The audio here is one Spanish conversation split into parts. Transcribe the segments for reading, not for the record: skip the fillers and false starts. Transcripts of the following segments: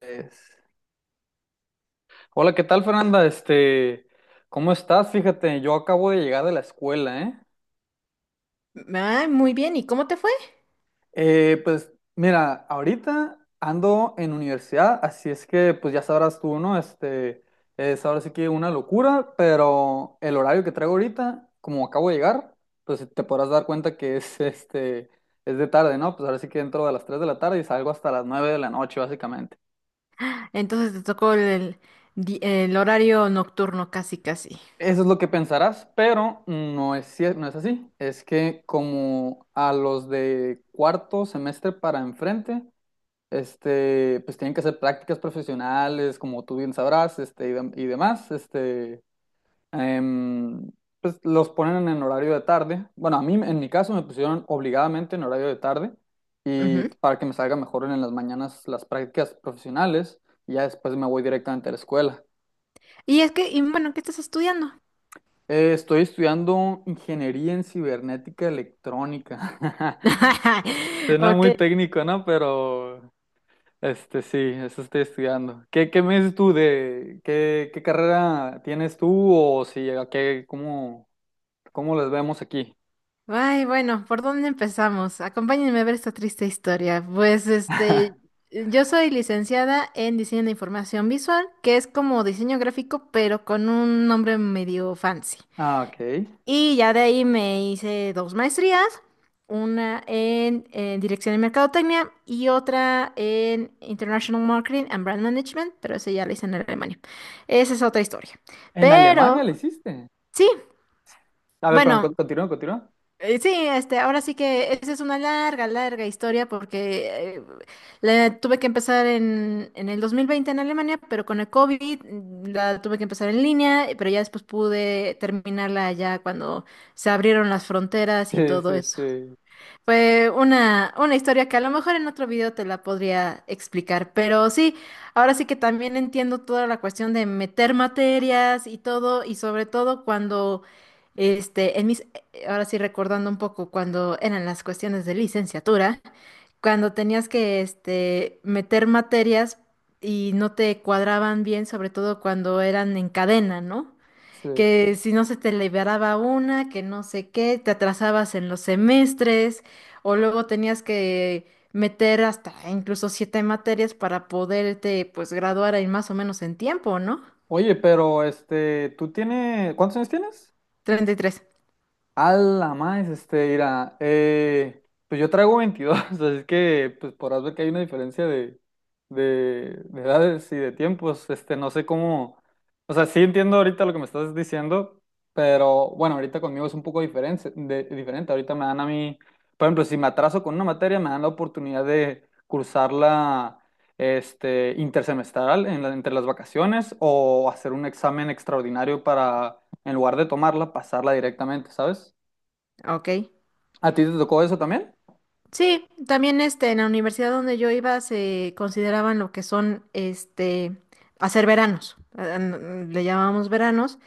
Es- Hola, ¿qué tal, Fernanda? Este, ¿cómo estás? Fíjate, yo acabo de llegar de la escuela, ¿eh? Ah, muy bien, ¿y cómo te fue? Pues mira, ahorita ando en universidad, así es que pues ya sabrás tú, ¿no? Este, es ahora sí que una locura, pero el horario que traigo ahorita, como acabo de llegar, pues te podrás dar cuenta que es este, es de tarde, ¿no? Pues ahora sí que entro a las 3 de la tarde y salgo hasta las 9 de la noche, básicamente. Entonces te tocó el el horario nocturno casi, casi. Eso es lo que pensarás, pero no es así. Es que como a los de cuarto semestre para enfrente, este, pues tienen que hacer prácticas profesionales, como tú bien sabrás, este, y demás, este, em, pues los ponen en horario de tarde. Bueno, a mí, en mi caso, me pusieron obligadamente en horario de tarde y Ujú. para que me salga mejor en las mañanas las prácticas profesionales y ya después me voy directamente a la escuela. Y es que, y bueno, ¿qué estás estudiando? Estoy estudiando ingeniería en cibernética electrónica. Suena Ok. muy técnico, ¿no? Pero este sí, eso estoy estudiando. ¿Qué me dices tú de qué carrera tienes tú o si a qué, cómo, cómo las vemos aquí? Ay, bueno, ¿por dónde empezamos? Acompáñenme a ver esta triste historia. Pues este, yo soy licenciada en diseño de información visual, que es como diseño gráfico, pero con un nombre medio fancy. Ah, ok. Y ya de ahí me hice dos maestrías, una en Dirección de Mercadotecnia y otra en International Marketing and Brand Management, pero esa ya la hice en Alemania. Esa es otra historia. ¿En Alemania Pero le hiciste? sí, A ver, perdón, bueno, continúa, continúa. sí, este, ahora sí que esa es una larga, larga historia porque la tuve que empezar en el 2020 en Alemania, pero con el COVID la tuve que empezar en línea, pero ya después pude terminarla ya cuando se abrieron las fronteras y Sí, todo sí, eso. sí, Fue una historia que a lo mejor en otro video te la podría explicar, pero sí, ahora sí que también entiendo toda la cuestión de meter materias y todo, y sobre todo cuando, este, en mis, ahora sí recordando un poco cuando eran las cuestiones de licenciatura, cuando tenías que, este, meter materias y no te cuadraban bien, sobre todo cuando eran en cadena, ¿no? sí. Que si no se te liberaba una, que no sé qué, te atrasabas en los semestres, o luego tenías que meter hasta incluso siete materias para poderte pues graduar ahí más o menos en tiempo, ¿no? Oye, pero este, ¿tú tienes, cuántos años tienes? 33. A la más, este, mira, pues yo traigo 22 así que pues podrás ver que hay una diferencia de edades y de tiempos, este, no sé cómo, o sea, sí entiendo ahorita lo que me estás diciendo, pero bueno, ahorita conmigo es un poco diferente, diferente, ahorita me dan a mí, por ejemplo, si me atraso con una materia, me dan la oportunidad de cursarla, este, intersemestral entre las vacaciones o hacer un examen extraordinario para en lugar de tomarla, pasarla directamente, ¿sabes? Ok. ¿A ti te tocó eso también? Sí, también este, en la universidad donde yo iba se consideraban lo que son este, hacer veranos, le llamábamos veranos,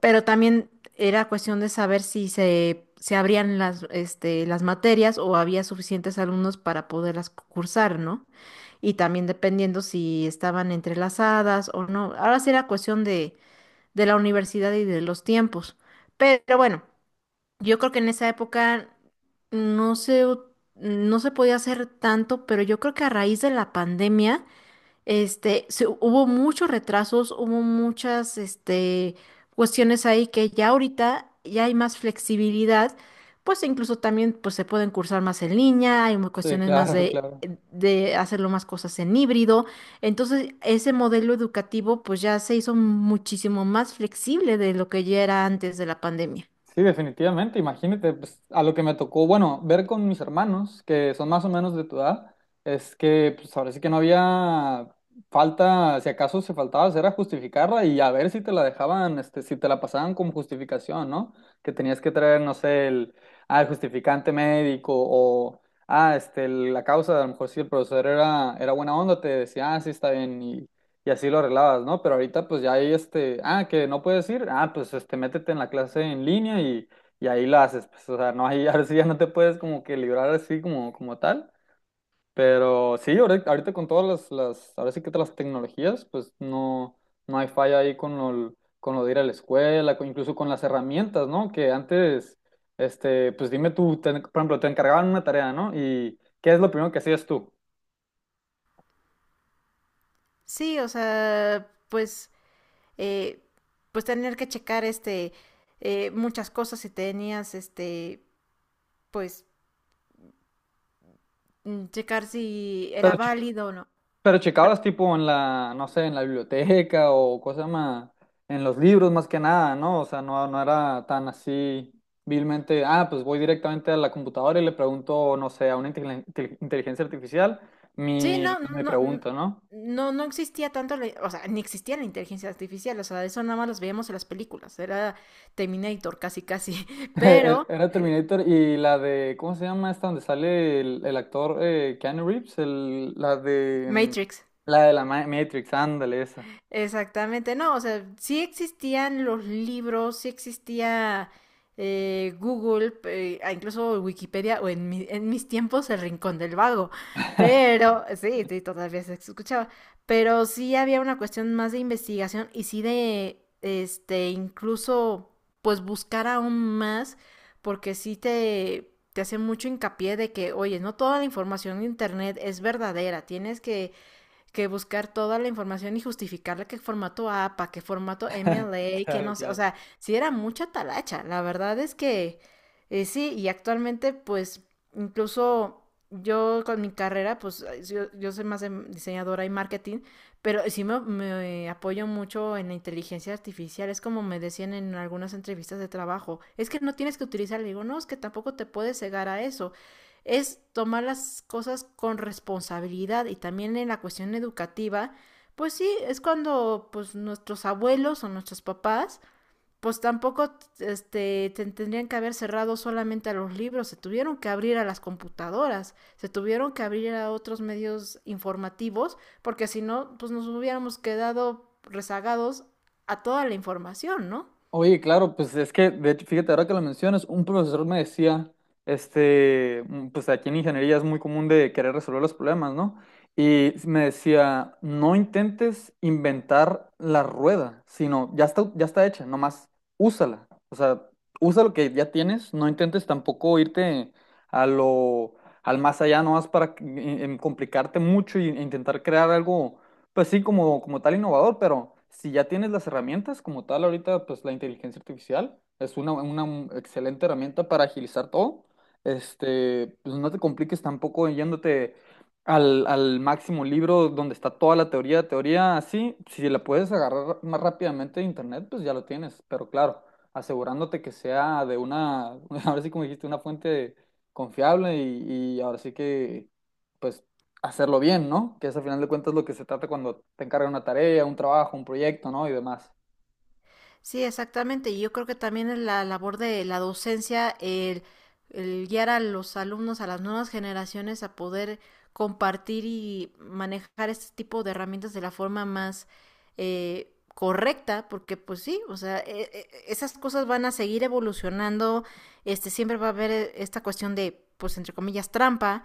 pero también era cuestión de saber si se abrían las, este, las materias o había suficientes alumnos para poderlas cursar, ¿no? Y también dependiendo si estaban entrelazadas o no. Ahora sí era cuestión de la universidad y de los tiempos, pero bueno. Yo creo que en esa época no se, u- no se podía hacer tanto, pero yo creo que a raíz de la pandemia, este, hubo muchos retrasos, hubo muchas, este, cuestiones ahí que ya ahorita ya hay más flexibilidad, pues incluso también pues, se pueden cursar más en línea, hay Sí, cuestiones más claro, claro. de hacerlo más cosas en híbrido. Entonces, ese modelo educativo pues ya se hizo muchísimo más flexible de lo que ya era antes de la pandemia. Sí, definitivamente. Imagínate, pues, a lo que me tocó, bueno, ver con mis hermanos, que son más o menos de tu edad, es que pues ahora sí que no había falta, si acaso se faltaba, era justificarla y a ver si te la dejaban, este, si te la pasaban como justificación, ¿no? Que tenías que traer, no sé, el, ah, el justificante médico o, ah, este, la causa, a lo mejor si el profesor era buena onda, te decía, ah, sí, está bien. Y así lo arreglabas, ¿no? Pero ahorita pues ya hay este, ah, que no puedes ir, ah, pues este, métete en la clase en línea y ahí la haces, pues, o sea, no, hay, ahora sí ya no te puedes como que librar así como, como tal, pero sí, ahorita con todas ahora sí que todas las tecnologías, pues no, no hay falla ahí con lo, de ir a la escuela, incluso con las herramientas, ¿no? Que antes, este, pues dime tú, por ejemplo, te encargaban una tarea, ¿no? Y ¿qué es lo primero que hacías tú? Sí, o sea, pues, eh, pues tener que checar este muchas cosas si tenías este, pues, checar si era Pero válido o no. Pero Pero- checabas tipo en la, no sé, en la biblioteca o cosa más, en los libros más que nada, ¿no? O sea, no, no era tan así vilmente, ah, pues voy directamente a la computadora y le pregunto, no sé, a una inteligencia artificial sí, no, mi no, no, pregunta, ¿no? no existía tanto, o sea, ni existía la inteligencia artificial, o sea, eso nada más los veíamos en las películas, era Terminator casi casi, Era pero era Terminator y la de, ¿cómo se llama esta? Donde sale el actor Keanu Reeves, el, la de, Matrix. la de la Matrix, ándale, esa. Exactamente, no, o sea, sí existían los libros, sí existía Google, ah, incluso Wikipedia, o en, en mis tiempos el Rincón del Vago, pero sí, sí, todavía se escuchaba, pero sí había una cuestión más de investigación y sí de, este, incluso, pues buscar aún más, porque sí te hace mucho hincapié de que, oye, no toda la información en Internet es verdadera, tienes que buscar toda la información y justificarle qué formato APA, qué formato MLA, que Claro, no sé, o claro. sea, sí era mucha talacha. La verdad es que sí, y actualmente pues incluso yo con mi carrera, pues yo soy más de diseñadora y marketing, pero sí me apoyo mucho en la inteligencia artificial. Es como me decían en algunas entrevistas de trabajo, es que no tienes que utilizar, le digo, no, es que tampoco te puedes cegar a eso es tomar las cosas con responsabilidad y también en la cuestión educativa, pues sí, es cuando pues nuestros abuelos o nuestros papás pues tampoco este, tendrían que haber cerrado solamente a los libros, se tuvieron que abrir a las computadoras, se tuvieron que abrir a otros medios informativos, porque si no, pues nos hubiéramos quedado rezagados a toda la información, ¿no? Oye, claro, pues es que, de hecho, fíjate, ahora que lo mencionas, un profesor me decía, este, pues aquí en ingeniería es muy común de querer resolver los problemas, ¿no? Y me decía, no intentes inventar la rueda, sino ya está hecha, nomás úsala. O sea, usa lo que ya tienes, no intentes tampoco irte a lo, al más allá, nomás para complicarte mucho e intentar crear algo pues sí, como, como tal innovador, pero si ya tienes las herramientas, como tal ahorita, pues la inteligencia artificial es una, excelente herramienta para agilizar todo. Este, pues no te compliques tampoco yéndote al máximo libro donde está toda la teoría, teoría así, si la puedes agarrar más rápidamente de internet, pues ya lo tienes, pero claro, asegurándote que sea de una, ahora sí como dijiste, una fuente confiable y ahora sí que pues hacerlo bien, ¿no? Que es al final de cuentas lo que se trata cuando te encargan una tarea, un trabajo, un proyecto, ¿no? Y demás. Sí, exactamente. Y yo creo que también es la labor de la docencia, el guiar a los alumnos, a las nuevas generaciones a poder compartir y manejar este tipo de herramientas de la forma más correcta, porque pues sí, o sea, esas cosas van a seguir evolucionando, este, siempre va a haber esta cuestión de, pues entre comillas, trampa,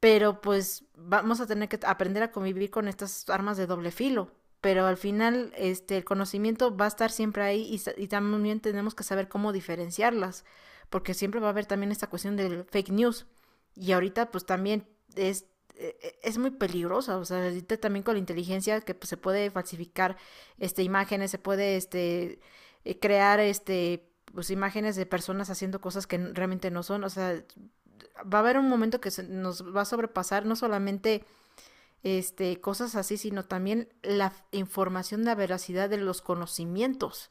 pero pues vamos a tener que aprender a convivir con estas armas de doble filo pero al final este, el conocimiento va a estar siempre ahí y también tenemos que saber cómo diferenciarlas, porque siempre va a haber también esta cuestión del fake news. Y ahorita pues también es, es muy peligrosa, o sea, ahorita también con la inteligencia que pues, se puede falsificar este, imágenes, se puede este, crear este, pues, imágenes de personas haciendo cosas que realmente no son, o sea, va a haber un momento que se nos va a sobrepasar no solamente este, cosas así, sino también la información la veracidad de los conocimientos.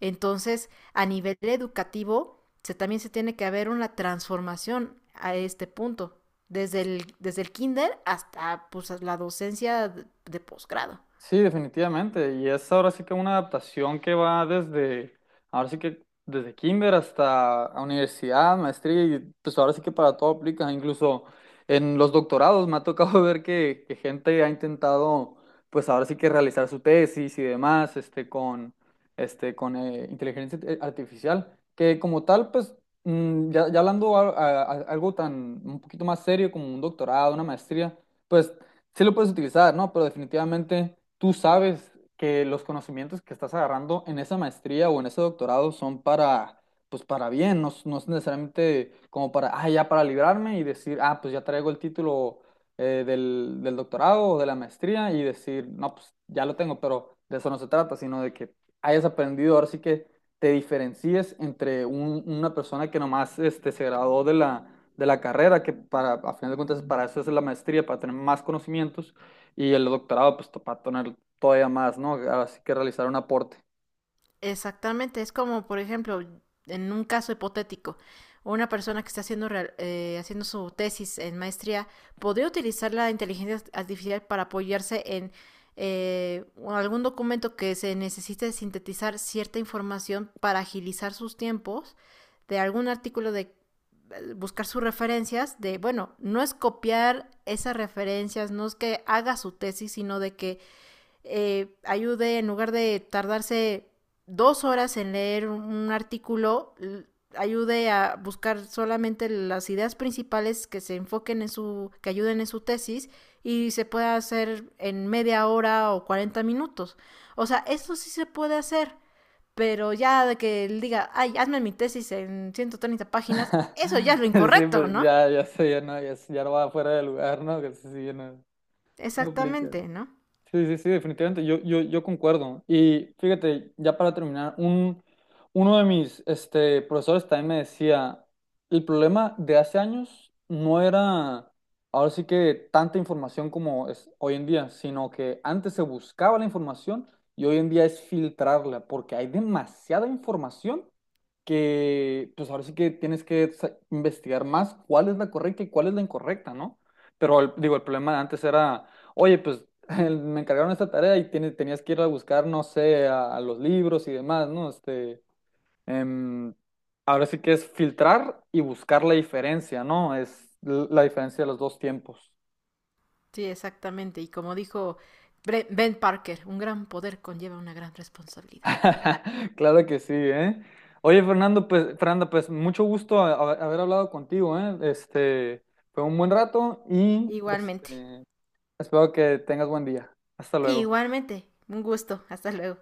Entonces, a nivel educativo, se, también se tiene que haber una transformación a este punto, desde el kinder hasta pues, la docencia de posgrado. Sí, definitivamente. Y es ahora sí que una adaptación que va desde, ahora sí que desde kinder hasta a universidad, maestría, y pues ahora sí que para todo aplica. Incluso en los doctorados me ha tocado ver que gente ha intentado, pues ahora sí que realizar su tesis y demás, este, con inteligencia artificial, que como tal, pues ya, ya hablando algo tan un poquito más serio como un doctorado, una maestría. Pues sí lo puedes utilizar, ¿no? Pero definitivamente tú sabes que los conocimientos que estás agarrando en esa maestría o en ese doctorado son para, pues para bien, no, es no es necesariamente como para, ah, ya para librarme y decir, ah, pues ya traigo el título del doctorado o de la maestría y decir, no, pues ya lo tengo, pero de eso no se trata, sino de que hayas aprendido, ahora sí que te diferencies entre una persona que nomás este, se graduó de la carrera, que para, a final de cuentas para eso es la maestría, para tener más conocimientos, y el doctorado, pues para tener todavía más, ¿no? Así que realizar un aporte. Exactamente, es como, por ejemplo, en un caso hipotético, una persona que está haciendo, haciendo su tesis en maestría podría utilizar la inteligencia artificial para apoyarse en algún documento que se necesite sintetizar cierta información para agilizar sus tiempos de algún artículo de buscar sus referencias de bueno no es copiar esas referencias no es que haga su tesis sino de que ayude, en lugar de tardarse 2 horas en leer un, artículo, ayude a buscar solamente las ideas principales que se enfoquen en su, que ayuden en su tesis y se pueda hacer en media hora o 40 minutos. O sea, eso sí se puede hacer, pero ya de que él diga, ay, hazme mi tesis en 130 páginas, eso ya es lo Sí, incorrecto, pues ¿no? ya, ya sé, ya no, ya, ya no va fuera de lugar, ¿no? Que sí, sí, ya no, no aplica. Exactamente, ¿no? Sí, sí, sí, definitivamente, yo concuerdo. Y fíjate, ya para terminar, uno de mis este, profesores también me decía, el problema de hace años no era, ahora sí que tanta información como es hoy en día, sino que antes se buscaba la información y hoy en día es filtrarla, porque hay demasiada información que pues ahora sí que tienes que investigar más cuál es la correcta y cuál es la incorrecta, ¿no? Pero digo, el problema de antes era, oye, pues me encargaron esta tarea y tenías que ir a buscar, no sé, a los libros y demás, ¿no? Este, em, ahora sí que es filtrar y buscar la diferencia, ¿no? Es la diferencia de los dos tiempos. Sí, exactamente. Y como dijo Ben Parker, un gran poder conlleva una gran responsabilidad. Claro que sí, ¿eh? Oye, Fernando, pues, Fernanda, pues mucho gusto haber hablado contigo, ¿eh? Este, fue un buen rato y Igualmente. este, espero que tengas buen día. Hasta luego. Igualmente. Un gusto. Hasta luego.